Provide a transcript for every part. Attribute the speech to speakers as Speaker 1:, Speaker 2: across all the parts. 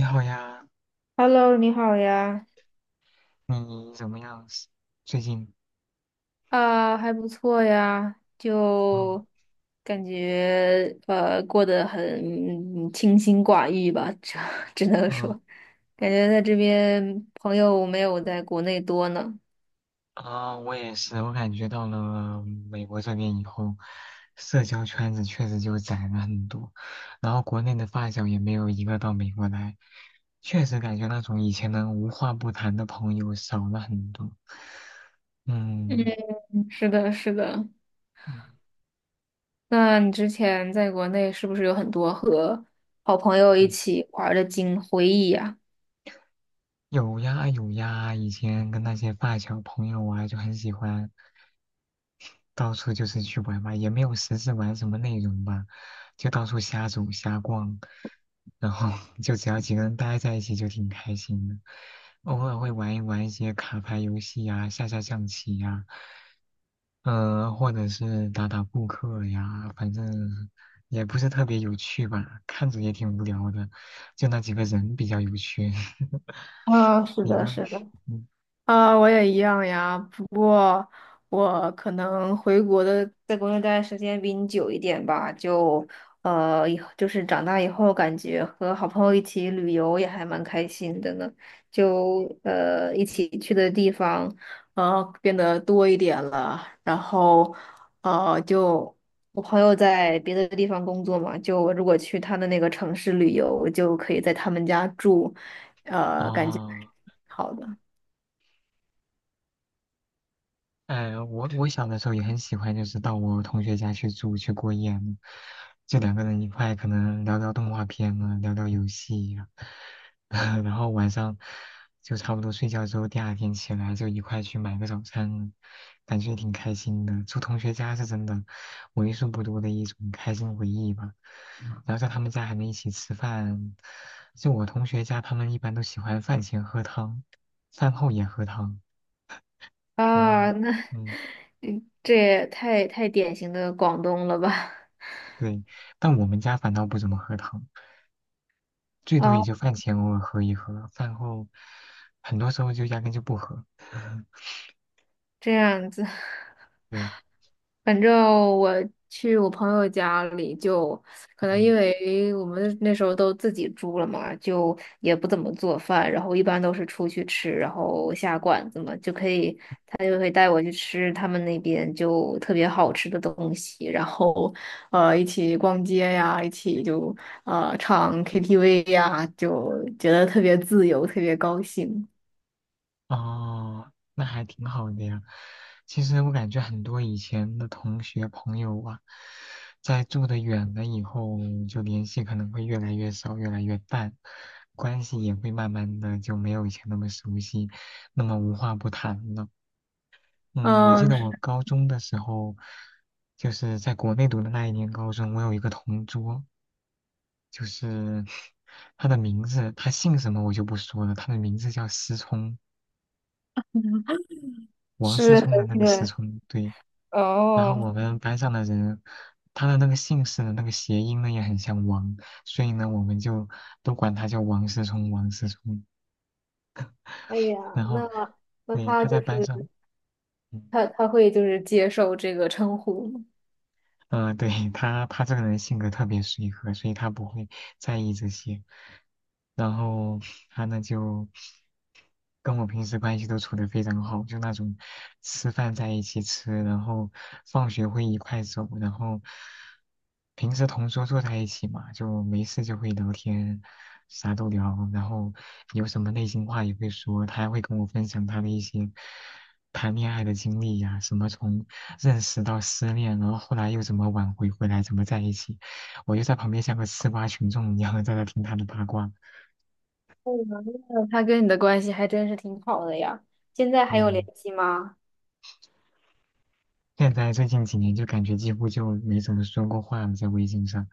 Speaker 1: 你好呀，
Speaker 2: Hello，你好呀。
Speaker 1: 你怎么样？最近？
Speaker 2: 啊，还不错呀，
Speaker 1: 嗯
Speaker 2: 就感觉过得很清心寡欲吧，只 只能说，
Speaker 1: 嗯。
Speaker 2: 感觉在这边朋友没有在国内多呢。
Speaker 1: 啊，我也是，我感觉到了美国这边以后，社交圈子确实就窄了很多，然后国内的发小也没有一个到美国来，确实感觉那种以前能无话不谈的朋友少了很多。嗯
Speaker 2: 嗯，是的，是的。
Speaker 1: 嗯
Speaker 2: 那你之前在国内是不是有很多和好朋友一
Speaker 1: 嗯，
Speaker 2: 起玩儿的经回忆呀？
Speaker 1: 有呀有呀，以前跟那些发小朋友啊，就很喜欢。到处就是去玩嘛，也没有实质玩什么内容吧，就到处瞎走瞎逛，然后 就只要几个人待在一起就挺开心的。偶尔会玩一玩一些卡牌游戏呀、下下象棋呀、或者是打打扑克呀，反正也不是特别有趣吧，看着也挺无聊的，就那几个人比较有趣。
Speaker 2: 啊，是
Speaker 1: 你
Speaker 2: 的，
Speaker 1: 呢？
Speaker 2: 是的。
Speaker 1: 嗯。
Speaker 2: 啊，我也一样呀，不过我可能回国的在国内待的时间比你久一点吧，就呃，以后就是长大以后，感觉和好朋友一起旅游也还蛮开心的呢，就一起去的地方变得多一点了，然后呃就我朋友在别的地方工作嘛，就我如果去他的那个城市旅游，就可以在他们家住，呃，感觉还挺
Speaker 1: 啊。
Speaker 2: 好的。
Speaker 1: 我小的时候也很喜欢，就是到我同学家去住去过夜嘛，就2个人一块，可能聊聊动画片啊，聊聊游戏呀、然后晚上就差不多睡觉之后，第二天起来就一块去买个早餐，感觉挺开心的。住同学家是真的为数不多的一种开心回忆吧。然后在他们家还能一起吃饭，就我同学家，他们一般都喜欢饭前喝汤，饭后也喝汤，然后
Speaker 2: 啊，那
Speaker 1: 嗯。
Speaker 2: 这也太典型的广东了吧？
Speaker 1: 对，但我们家反倒不怎么喝汤，最多也
Speaker 2: 啊，
Speaker 1: 就饭前偶尔喝一喝，饭后很多时候就压根就不喝。
Speaker 2: 这样子。
Speaker 1: 对，
Speaker 2: 反正我去我朋友家里就，可能
Speaker 1: 嗯，
Speaker 2: 因为我们那时候都自己住了嘛，就也不怎么做饭，然后一般都是出去吃，然后下馆子嘛，就可以，他就会带我去吃他们那边就特别好吃的东西，然后一起逛街呀，一起就唱 KTV 呀，就觉得特别自由，特别高兴。
Speaker 1: 哦，那还挺好的呀。其实我感觉很多以前的同学朋友啊，在住的远了以后，就联系可能会越来越少，越来越淡，关系也会慢慢的就没有以前那么熟悉，那么无话不谈了。嗯，我记
Speaker 2: 嗯，
Speaker 1: 得我高中的时候，就是在国内读的那一年高中，我有一个同桌，就是 他的名字，他姓什么我就不说了，他的名字叫思聪，王思
Speaker 2: 是很
Speaker 1: 聪的那个思
Speaker 2: 远
Speaker 1: 聪，对。然后
Speaker 2: 哦。
Speaker 1: 我们班上的人，他的那个姓氏的那个谐音呢也很像王，所以呢我们就都管他叫王思聪，王思聪。
Speaker 2: 哎呀，
Speaker 1: 然后，
Speaker 2: 那那
Speaker 1: 对，
Speaker 2: 他
Speaker 1: 他在
Speaker 2: 就
Speaker 1: 班上。
Speaker 2: 是
Speaker 1: 嗯
Speaker 2: 他会就是接受这个称呼吗？
Speaker 1: 嗯、对，他这个人性格特别随和，所以他不会在意这些。然后他呢就跟我平时关系都处得非常好，就那种吃饭在一起吃，然后放学会一块走，然后平时同桌坐在一起嘛，就没事就会聊天，啥都聊，然后有什么内心话也会说，他还会跟我分享他的一些谈恋爱的经历呀、什么从认识到失恋，然后后来又怎么挽回回来，怎么在一起，我就在旁边像个吃瓜群众一样在那听他的八卦。
Speaker 2: 哦，那他跟你的关系还真是挺好的呀。现在还有联
Speaker 1: 嗯，
Speaker 2: 系吗？
Speaker 1: 现在最近几年就感觉几乎就没怎么说过话了，在微信上，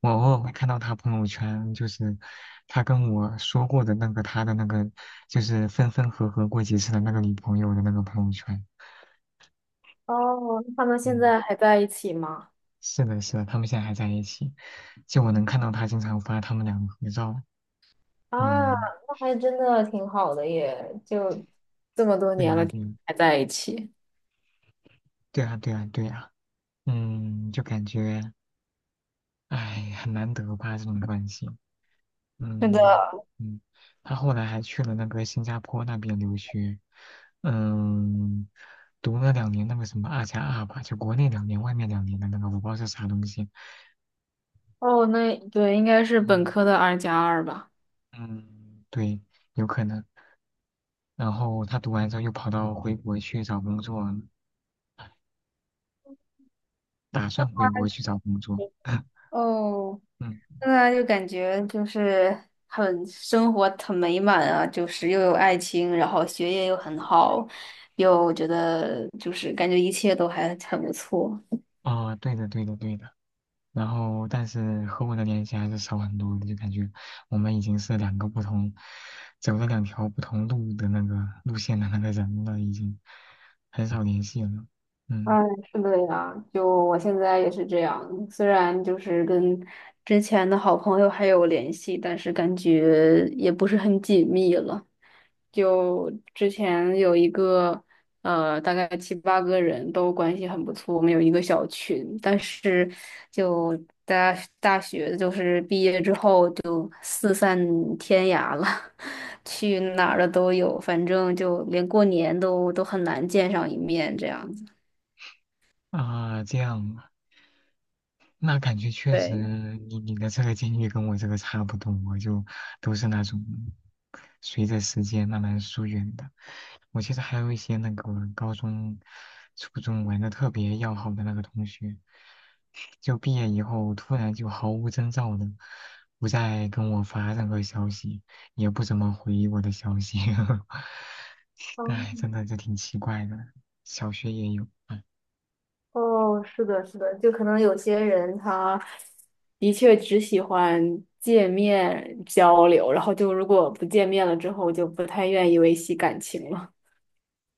Speaker 1: 我偶尔会看到他朋友圈，就是他跟我说过的那个他的那个，就是分分合合过几次的那个女朋友的那个朋友圈。
Speaker 2: 哦，那他们现
Speaker 1: 嗯。
Speaker 2: 在还在一起吗？
Speaker 1: 是的，是的，他们现在还在一起，就我能看到他经常发他们两个合照。
Speaker 2: 啊，
Speaker 1: 嗯，
Speaker 2: 那还真的挺好的耶，就这么多
Speaker 1: 对
Speaker 2: 年
Speaker 1: 呀，
Speaker 2: 了
Speaker 1: 对，
Speaker 2: 还在一起。
Speaker 1: 对呀，对呀，对呀。嗯，就感觉，哎，很难得吧这种关系。
Speaker 2: 是的。
Speaker 1: 嗯嗯，他后来还去了那个新加坡那边留学，嗯，读了两年那个什么2+2吧，就国内两年，外面两年的那个，我不知道是啥东西。
Speaker 2: 哦，那对，应该是本
Speaker 1: 嗯
Speaker 2: 科的二加二吧。
Speaker 1: 嗯，对，有可能。然后他读完之后又跑到回国去找工作，打算回国去找工作。
Speaker 2: 哦，
Speaker 1: 嗯，
Speaker 2: 现在就感觉就是很生活很美满啊，就是又有爱情，然后学业又很好，又觉得就是感觉一切都还很不错。
Speaker 1: 哦，对的，对的，对的。然后，但是和我的联系还是少很多的，就感觉我们已经是两个不同，走了2条不同路的那个路线的那个人了，已经很少联系了。
Speaker 2: 哎，
Speaker 1: 嗯。
Speaker 2: 是的呀，就我现在也是这样，虽然就是跟之前的好朋友还有联系，但是感觉也不是很紧密了。就之前有一个呃，大概七八个人都关系很不错，我们有一个小群，但是就大大学就是毕业之后就四散天涯了，去哪儿的都有，反正就连过年都很难见上一面这样子。
Speaker 1: 啊，这样，那感觉确实
Speaker 2: 对。
Speaker 1: 你的这个经历跟我这个差不多，我就都是那种随着时间慢慢疏远的。我记得还有一些那个我高中、初中玩的特别要好的那个同学，就毕业以后突然就毫无征兆的不再跟我发任何消息，也不怎么回我的消息。
Speaker 2: 哦
Speaker 1: 哎，真的这挺奇怪的，小学也有。
Speaker 2: 哦，是的，是的，就可能有些人他的确只喜欢见面交流，然后就如果不见面了之后，就不太愿意维系感情了。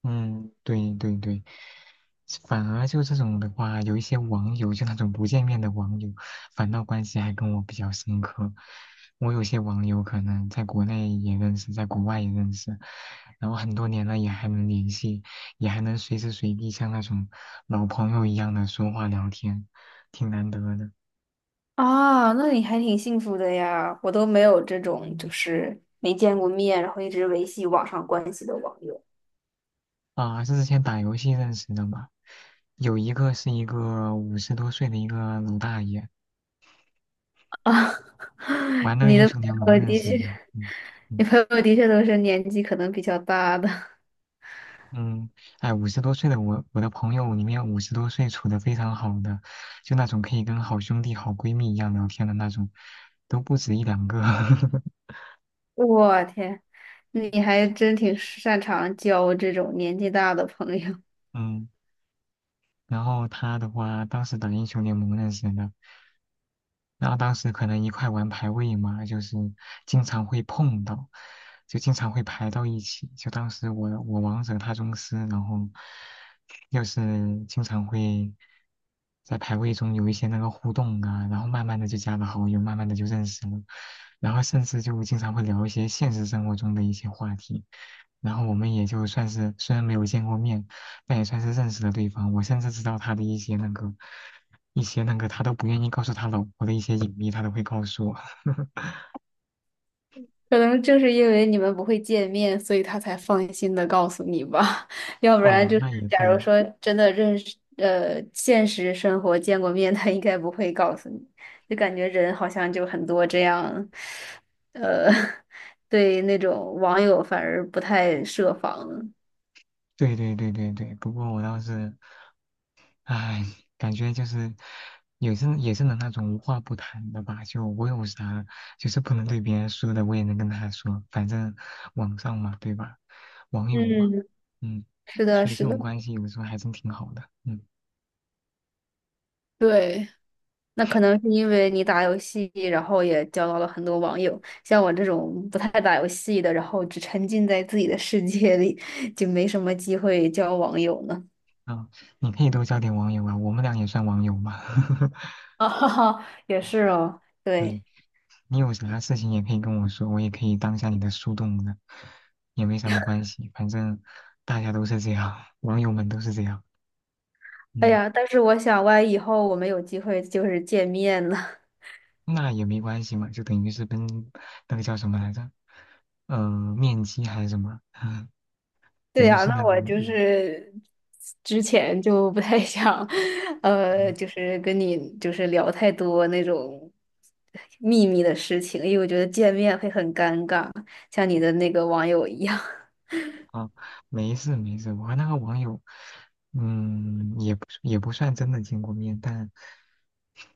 Speaker 1: 嗯，对对对，反而就这种的话，有一些网友，就那种不见面的网友，反倒关系还跟我比较深刻。我有些网友可能在国内也认识，在国外也认识，然后很多年了也还能联系，也还能随时随地像那种老朋友一样的说话聊天，挺难得的。
Speaker 2: 啊，那你还挺幸福的呀，我都没有这种就是没见过面，然后一直维系网上关系的网友。
Speaker 1: 啊，是之前打游戏认识的嘛？有一个是一个五十多岁的一个老大爷，
Speaker 2: 啊，
Speaker 1: 玩 那个
Speaker 2: 你
Speaker 1: 英
Speaker 2: 的朋
Speaker 1: 雄联盟
Speaker 2: 友
Speaker 1: 认
Speaker 2: 的
Speaker 1: 识
Speaker 2: 确，
Speaker 1: 的。嗯。嗯
Speaker 2: 你朋友的确都是年纪可能比较大的。
Speaker 1: 嗯，哎，五十多岁的我，我的朋友里面五十多岁处的非常好的，就那种可以跟好兄弟、好闺蜜一样聊天的那种，都不止一两个。
Speaker 2: 我天，你还真挺擅长交这种年纪大的朋友。
Speaker 1: 嗯然后他的话，当时打英雄联盟认识的，然后当时可能一块玩排位嘛，就是经常会碰到，就经常会排到一起。就当时我王者他宗师，然后又是经常会在排位中有一些那个互动啊，然后慢慢的就加了好友，慢慢的就认识了，然后甚至就经常会聊一些现实生活中的一些话题，然后我们也就算是虽然没有见过面。那也算是认识了对方。我甚至知道他的一些那个，一些那个他都不愿意告诉他老婆的一些隐秘，他都会告诉我。
Speaker 2: 可能正是因为你们不会见面，所以他才放心的告诉你吧。要不然
Speaker 1: 哦，
Speaker 2: 就是，
Speaker 1: 那也
Speaker 2: 假如
Speaker 1: 对，
Speaker 2: 说真的认识，呃，现实生活见过面，他应该不会告诉你。就感觉人好像就很多这样，呃，对那种网友反而不太设防。
Speaker 1: 对对对对对。不过我倒是，唉，感觉就是也是能那种无话不谈的吧。就我有啥，就是不能对别人说的，我也能跟他说。反正网上嘛，对吧？网友嘛，
Speaker 2: 嗯，
Speaker 1: 嗯，
Speaker 2: 是的，
Speaker 1: 所以这
Speaker 2: 是的。
Speaker 1: 种关系有时候还真挺好的。嗯，
Speaker 2: 对。那可能是因为你打游戏，然后也交到了很多网友。像我这种不太打游戏的，然后只沉浸在自己的世界里，就没什么机会交网友呢。
Speaker 1: 啊，你可以多交点网友啊，我们俩也算网友嘛。
Speaker 2: 啊，哈哈，也是哦。
Speaker 1: 对，
Speaker 2: 对，
Speaker 1: 你有啥事情也可以跟我说，我也可以当下你的树洞的，也没什么关系，反正大家都是这样，网友们都是这样，
Speaker 2: 哎
Speaker 1: 嗯，
Speaker 2: 呀，但是我想，万一以后我们有机会就是见面呢，
Speaker 1: 那也没关系嘛，就等于是跟那个叫什么来着，呃，面基还是什么，
Speaker 2: 对
Speaker 1: 等于
Speaker 2: 呀，
Speaker 1: 是那
Speaker 2: 那
Speaker 1: 个，
Speaker 2: 我就
Speaker 1: 嗯，
Speaker 2: 是之前就不太 想，呃，
Speaker 1: 嗯
Speaker 2: 就是跟你就是聊太多那种秘密的事情，因为我觉得见面会很尴尬，像你的那个网友一样。
Speaker 1: 哦，没事没事，我和那个网友，嗯，也不算真的见过面，但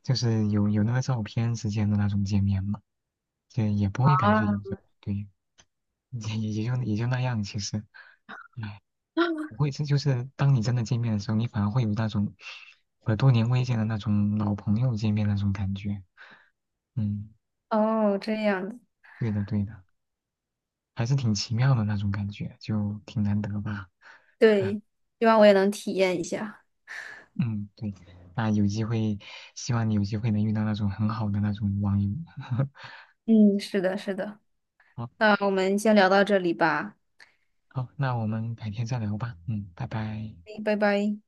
Speaker 1: 就是有那个照片之间的那种见面嘛，也不会感
Speaker 2: 啊，
Speaker 1: 觉有什么，对。也就那样，其实，哎，不会，这就是当你真的见面的时候，你反而会有那种和多年未见的那种老朋友见面那种感觉。嗯，
Speaker 2: 哦，这样子，
Speaker 1: 对的对的，还是挺奇妙的那种感觉，就挺难得吧。唉，
Speaker 2: 对，希望我也能体验一下。
Speaker 1: 嗯，对，那有机会，希望你有机会能遇到那种很好的那种网友。
Speaker 2: 嗯，是的，是的。
Speaker 1: 好，
Speaker 2: 那我们先聊到这里吧，
Speaker 1: 好，那我们改天再聊吧。嗯，拜拜。
Speaker 2: 嗯拜拜。